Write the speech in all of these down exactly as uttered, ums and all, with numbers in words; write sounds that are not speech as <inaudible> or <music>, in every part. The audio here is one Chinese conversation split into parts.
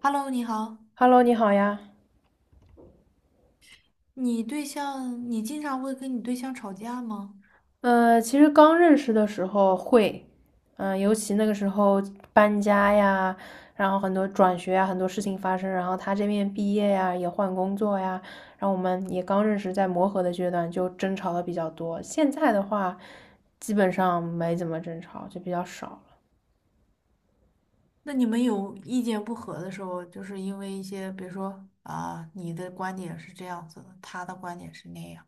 Hello，你好，Hello，你好呀。你对象，你经常会跟你对象吵架吗？呃，其实刚认识的时候会，嗯、尤其那个时候搬家呀，然后很多转学呀，很多事情发生，然后他这边毕业呀，也换工作呀，然后我们也刚认识，在磨合的阶段就争吵的比较多。现在的话，基本上没怎么争吵，就比较少了。那你们有意见不合的时候，就是因为一些，比如说啊，你的观点是这样子的，他的观点是那样。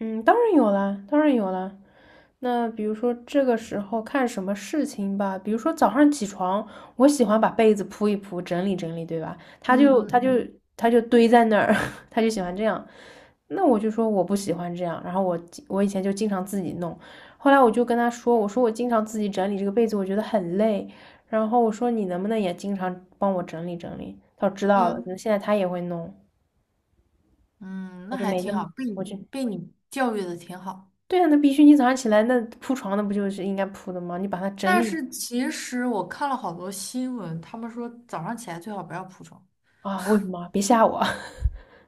嗯，当然有啦，当然有啦。那比如说这个时候看什么事情吧，比如说早上起床，我喜欢把被子铺一铺，整理整理，对吧？他就嗯他就嗯他就堆在那儿，<laughs> 他就喜欢这样。那我就说我不喜欢这样，然后我我以前就经常自己弄，后来我就跟他说，我说我经常自己整理这个被子，我觉得很累。然后我说你能不能也经常帮我整理整理？他说知道了，可能嗯，现在他也会弄，嗯嗯，我那就还没那挺么，好，被我你就被你教育的挺好。对啊，那必须你早上起来那铺床那不就是应该铺的吗？你把它整但理。是其实我看了好多新闻，他们说早上起来最好不要铺床，啊，为什么？别吓我！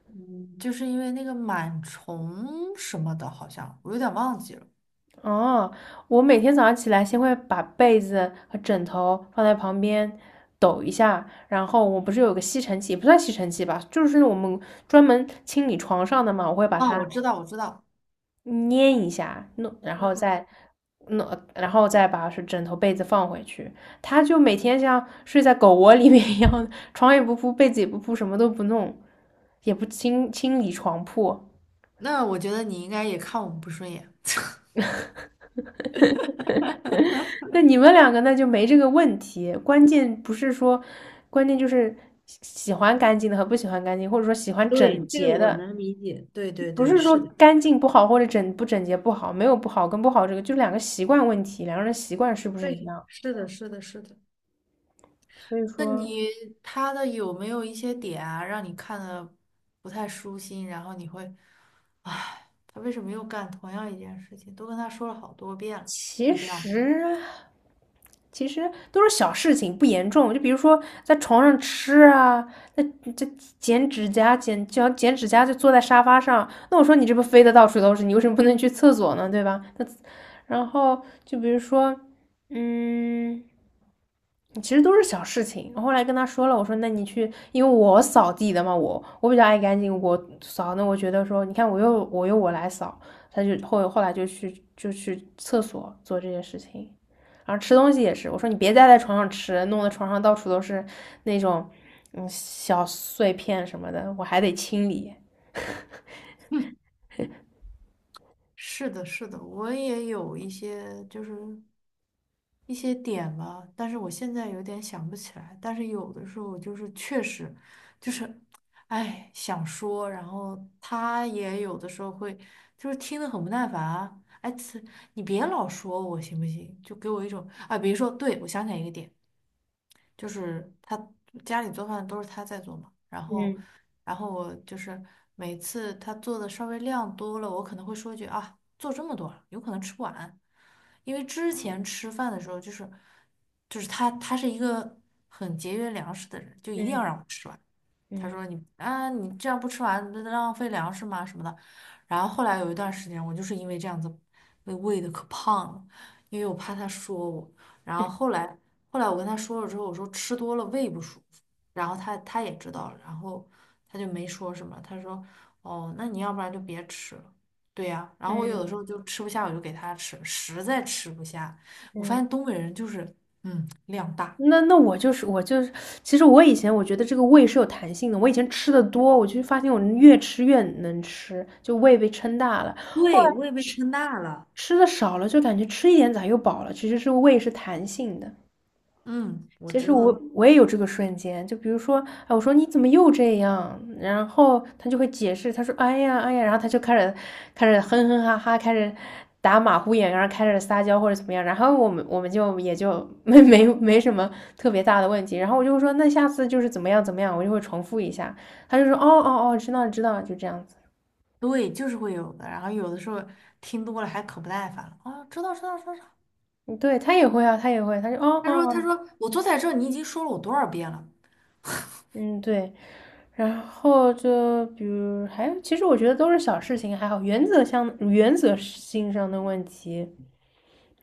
嗯，就是因为那个螨虫什么的，好像我有点忘记了。<laughs> 哦，我每天早上起来，先会把被子和枕头放在旁边抖一下，然后我不是有个吸尘器，也不算吸尘器吧，就是我们专门清理床上的嘛，我会把哦，我它知道，我知道。捏一下，弄，然后再弄，然后再把是枕头被子放回去。他就每天像睡在狗窝里面一样，床也不铺，被子也不铺，什么都不弄，也不清清理床铺。那我觉得你应该也看我们不顺眼。<laughs> 那你们两个那就没这个问题，关键不是说，关键就是喜欢干净的和不喜欢干净，或者说喜欢对，整这个洁我的，能理解。对对不对，是说是的，干净不好或者整不整洁不好，没有不好跟不好这个，就是两个习惯问题，两个人习惯是不是一对，样？是的，是的，是的。所以那说，你他的有没有一些点啊，让你看的不太舒心，然后你会，唉，他为什么又干同样一件事情？都跟他说了好多遍了，其会这样吗？实其实都是小事情，不严重。就比如说在床上吃啊，那这剪指甲、剪脚、剪指甲，就坐在沙发上。那我说你这不飞的到处都是，你为什么不能去厕所呢？对吧？那然后就比如说，嗯。其实都是小事情。我后来跟他说了，我说那你去，因为我扫地的嘛，我我比较爱干净，我扫。那我觉得说，你看我又我又我来扫，他就后后来就去就去厕所做这些事情，然后吃东西也是，我说你别再在床上吃，弄得床上到处都是那种嗯小碎片什么的，我还得清理。是的，是的，我也有一些就是一些点吧，但是我现在有点想不起来。但是有的时候就是确实就是，哎，想说，然后他也有的时候会就是听得很不耐烦啊，哎，此你别老说我行不行？就给我一种啊，比如说，对，我想起来一个点，就是他家里做饭都是他在做嘛，然后，嗯然后我就是每次他做的稍微量多了，我可能会说一句啊，做这么多了，有可能吃不完，因为之前吃饭的时候就是，就是他他是一个很节约粮食的人，就一定要嗯让我吃完。他嗯说你啊，你这样不吃完，那浪费粮食吗？什么的。然后后来有一段时间，我就是因为这样子被喂的可胖了，因为我怕他说我。然后后来后来我跟他说了之后，我说吃多了胃不舒服，然后他他也知道了，然后他就没说什么。他说哦，那你要不然就别吃了。对呀，然后我有的时嗯候就吃不下，我就给他吃，实在吃不下，我发嗯，现东北人就是嗯量大，那那我就是我就是，其实我以前我觉得这个胃是有弹性的，我以前吃的多，我就发现我越吃越能吃，就胃被撑大了。后来对，我也被吃撑大了。吃的少了，就感觉吃一点咋又饱了，其实是胃是弹性的。嗯，我其实知我道。我也有这个瞬间，就比如说，哎，我说你怎么又这样？然后他就会解释，他说，哎呀，哎呀，然后他就开始开始哼哼哈哈，开始打马虎眼，然后开始撒娇或者怎么样。然后我们我们就也就没没没什么特别大的问题。然后我就说，那下次就是怎么样怎么样，我就会重复一下。他就说，哦哦哦，知道知道，就这样子。对，就是会有的。然后有的时候听多了还可不耐烦了啊，知道知道知道。嗯，对他也会啊，他也会，他就哦哦他说他哦，说我坐在这儿，你已经说了我多少遍了？嗯，对，然后就比如还有，其实我觉得都是小事情，还好，原则上原则性上的问题，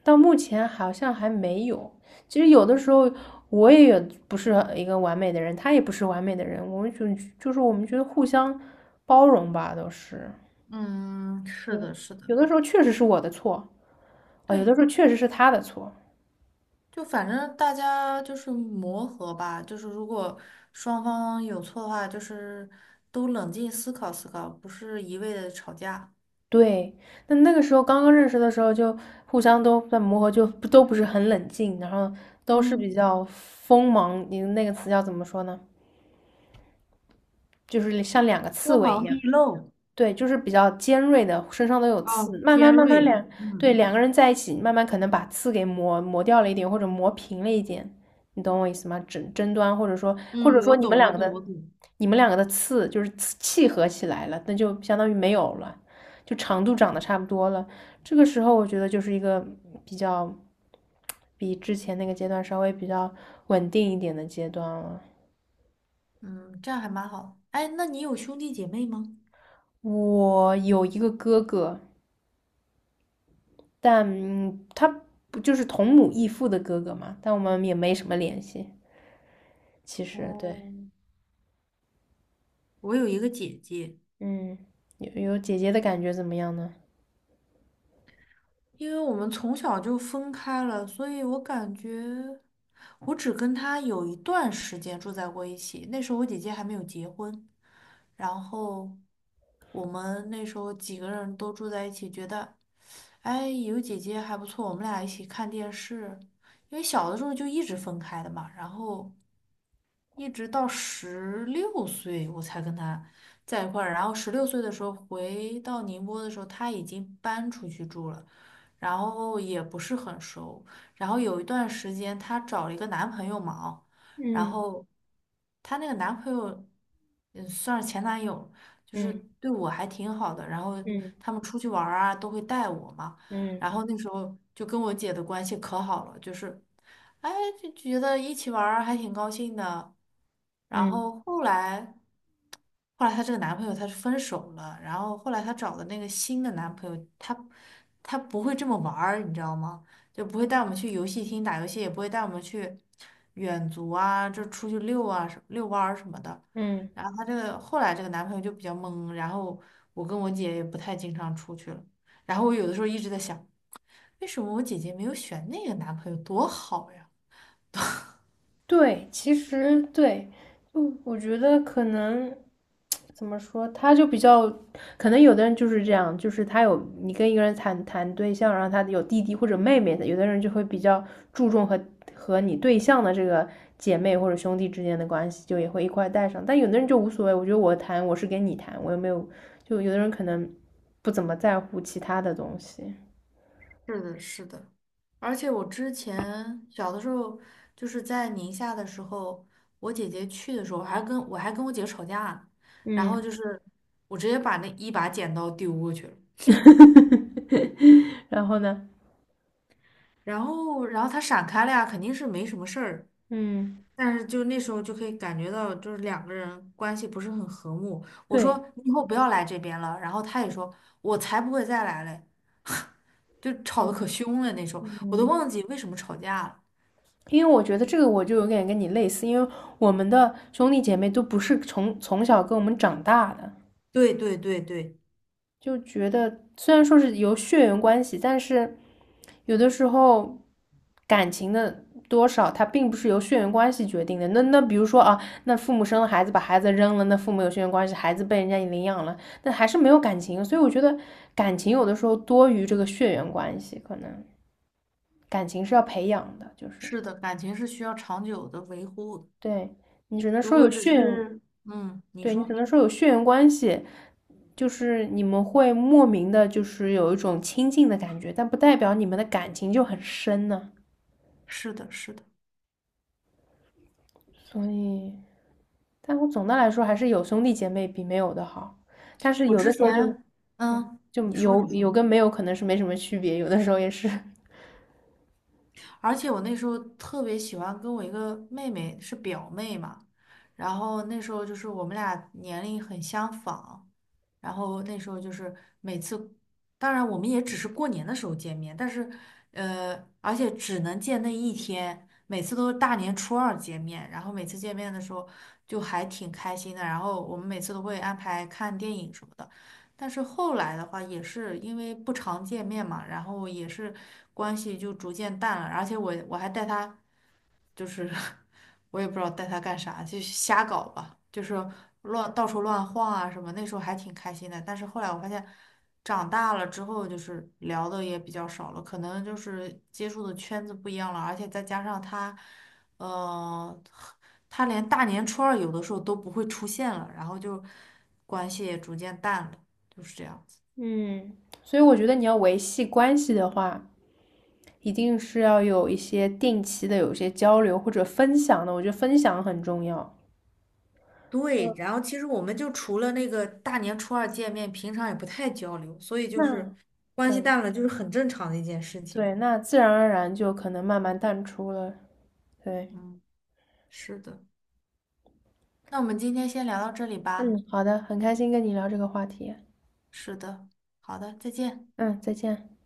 到目前好像还没有。其实有的时候我也有不是一个完美的人，他也不是完美的人，我们就就是我们觉得互相包容吧，都是嗯，是的，是的，有的时候确实是我的错啊，有的对，时候确实是他的错，就反正大家就是磨合吧，就是如果双方有错的话，就是都冷静思考思考，不是一味的吵架，对，那那个时候刚刚认识的时候，就互相都在磨合，就不都不是很冷静，然后都是比嗯，较锋芒，你那个词叫怎么说呢？就是像两个刺锋猬一芒样。毕露。对，就是比较尖锐的，身上都有啊，刺。慢尖慢慢慢锐，两，对，嗯两个人在一起，慢慢可能把刺给磨磨掉了一点，或者磨平了一点，你懂我意思吗？争争端，或者说，或嗯，者我说你们懂，两我个懂，的，我懂。你们两个的刺就是刺契合起来了，那就相当于没有了，就长度长得差不多了。这个时候，我觉得就是一个比较，比之前那个阶段稍微比较稳定一点的阶段了。嗯，这样还蛮好。哎，那你有兄弟姐妹吗？我有一个哥哥，但嗯他不就是同母异父的哥哥嘛？但我们也没什么联系，其实对，哦。我有一个姐姐，嗯，有有姐姐的感觉怎么样呢？因为我们从小就分开了，所以我感觉我只跟她有一段时间住在过一起。那时候我姐姐还没有结婚，然后我们那时候几个人都住在一起，觉得哎有姐姐还不错，我们俩一起看电视。因为小的时候就一直分开的嘛，然后一直到十六岁我才跟他在一块儿，然后十六岁的时候回到宁波的时候，他已经搬出去住了，然后也不是很熟，然后有一段时间她找了一个男朋友嘛，哦然嗯后她那个男朋友，嗯，算是前男友，就是嗯对我还挺好的，然后嗯他们出去玩儿啊都会带我嘛，嗯然后那时候就跟我姐的关系可好了，就是。哎，就觉得一起玩儿还挺高兴的。然嗯后后来，后来她这个男朋友他是分手了，然后后来她找的那个新的男朋友，他他不会这么玩儿，你知道吗？就不会带我们去游戏厅打游戏，也不会带我们去远足啊，就出去遛啊、什遛弯儿什么的。嗯。然后她这个后来这个男朋友就比较懵，然后我跟我姐也不太经常出去了。然后我有的时候一直在想，为什么我姐姐没有选那个男朋友，多好呀？对，其实对，就我觉得可能怎么说，他就比较，可能有的人就是这样，就是他有你跟一个人谈谈对象，然后他有弟弟或者妹妹的，有的人就会比较注重和和你对象的这个姐妹或者兄弟之间的关系，就也会一块带上，但有的人就无所谓，我觉得我谈我是跟你谈，我又没有，就有的人可能不怎么在乎其他的东西，是的，是的，而且我之前小的时候，就是在宁夏的时候，我姐姐去的时候，还跟我还跟我姐吵架，然后嗯，就是我直接把那一把剪刀丢过去了，<laughs> 然后呢，然后然后她闪开了呀，肯定是没什么事儿，嗯，但是就那时候就可以感觉到，就是两个人关系不是很和睦。我说对。你以后不要来这边了，然后她也说我才不会再来嘞，就吵得可嗯。凶了，那时候我都嗯，忘记为什么吵架了。因为我觉得这个我就有点跟你类似，因为我们的兄弟姐妹都不是从从小跟我们长大的，对对对对。就觉得虽然说是由血缘关系，但是有的时候感情的多少，它并不是由血缘关系决定的。那那比如说啊，那父母生了孩子，把孩子扔了，那父母有血缘关系，孩子被人家领养了，那还是没有感情。所以我觉得感情有的时候多于这个血缘关系，可能感情是要培养的，就是是的，感情是需要长久的维护的。对。你只能如说果有只血缘，是，嗯，你对，你说，只能说有血缘关系，就是你们会莫名的，就是有一种亲近的感觉，但不代表你们的感情就很深呢、啊是的，是的。所以，但我总的来说还是有兄弟姐妹比没有的好。但是我有的之时候就，前，嗯，嗯，就你说，你有说。有跟没有可能是没什么区别，有的时候也是。而且我那时候特别喜欢跟我一个妹妹，是表妹嘛，然后那时候就是我们俩年龄很相仿，然后那时候就是每次，当然我们也只是过年的时候见面，但是呃，而且只能见那一天，每次都是大年初二见面，然后每次见面的时候就还挺开心的，然后我们每次都会安排看电影什么的。但是后来的话，也是因为不常见面嘛，然后也是关系就逐渐淡了，而且我我还带他就是 <laughs> 我也不知道带他干啥，就瞎搞吧，就是乱到处乱晃啊什么。那时候还挺开心的，但是后来我发现，长大了之后就是聊的也比较少了，可能就是接触的圈子不一样了，而且再加上他，呃，他连大年初二有的时候都不会出现了，然后就关系也逐渐淡了，就是这样。嗯，所以我觉得你要维系关系的话，一定是要有一些定期的有一些交流或者分享的，我觉得分享很重要。对，然后其实我们就除了那个大年初二见面，平常也不太交流，所以就那是关系对，淡了，就是很正常的一件事情。对，那自然而然就可能慢慢淡出了。对，嗯，是的。那我们今天先聊到这里吧。嗯，好的，很开心跟你聊这个话题。是的，好的，再见。嗯，再见。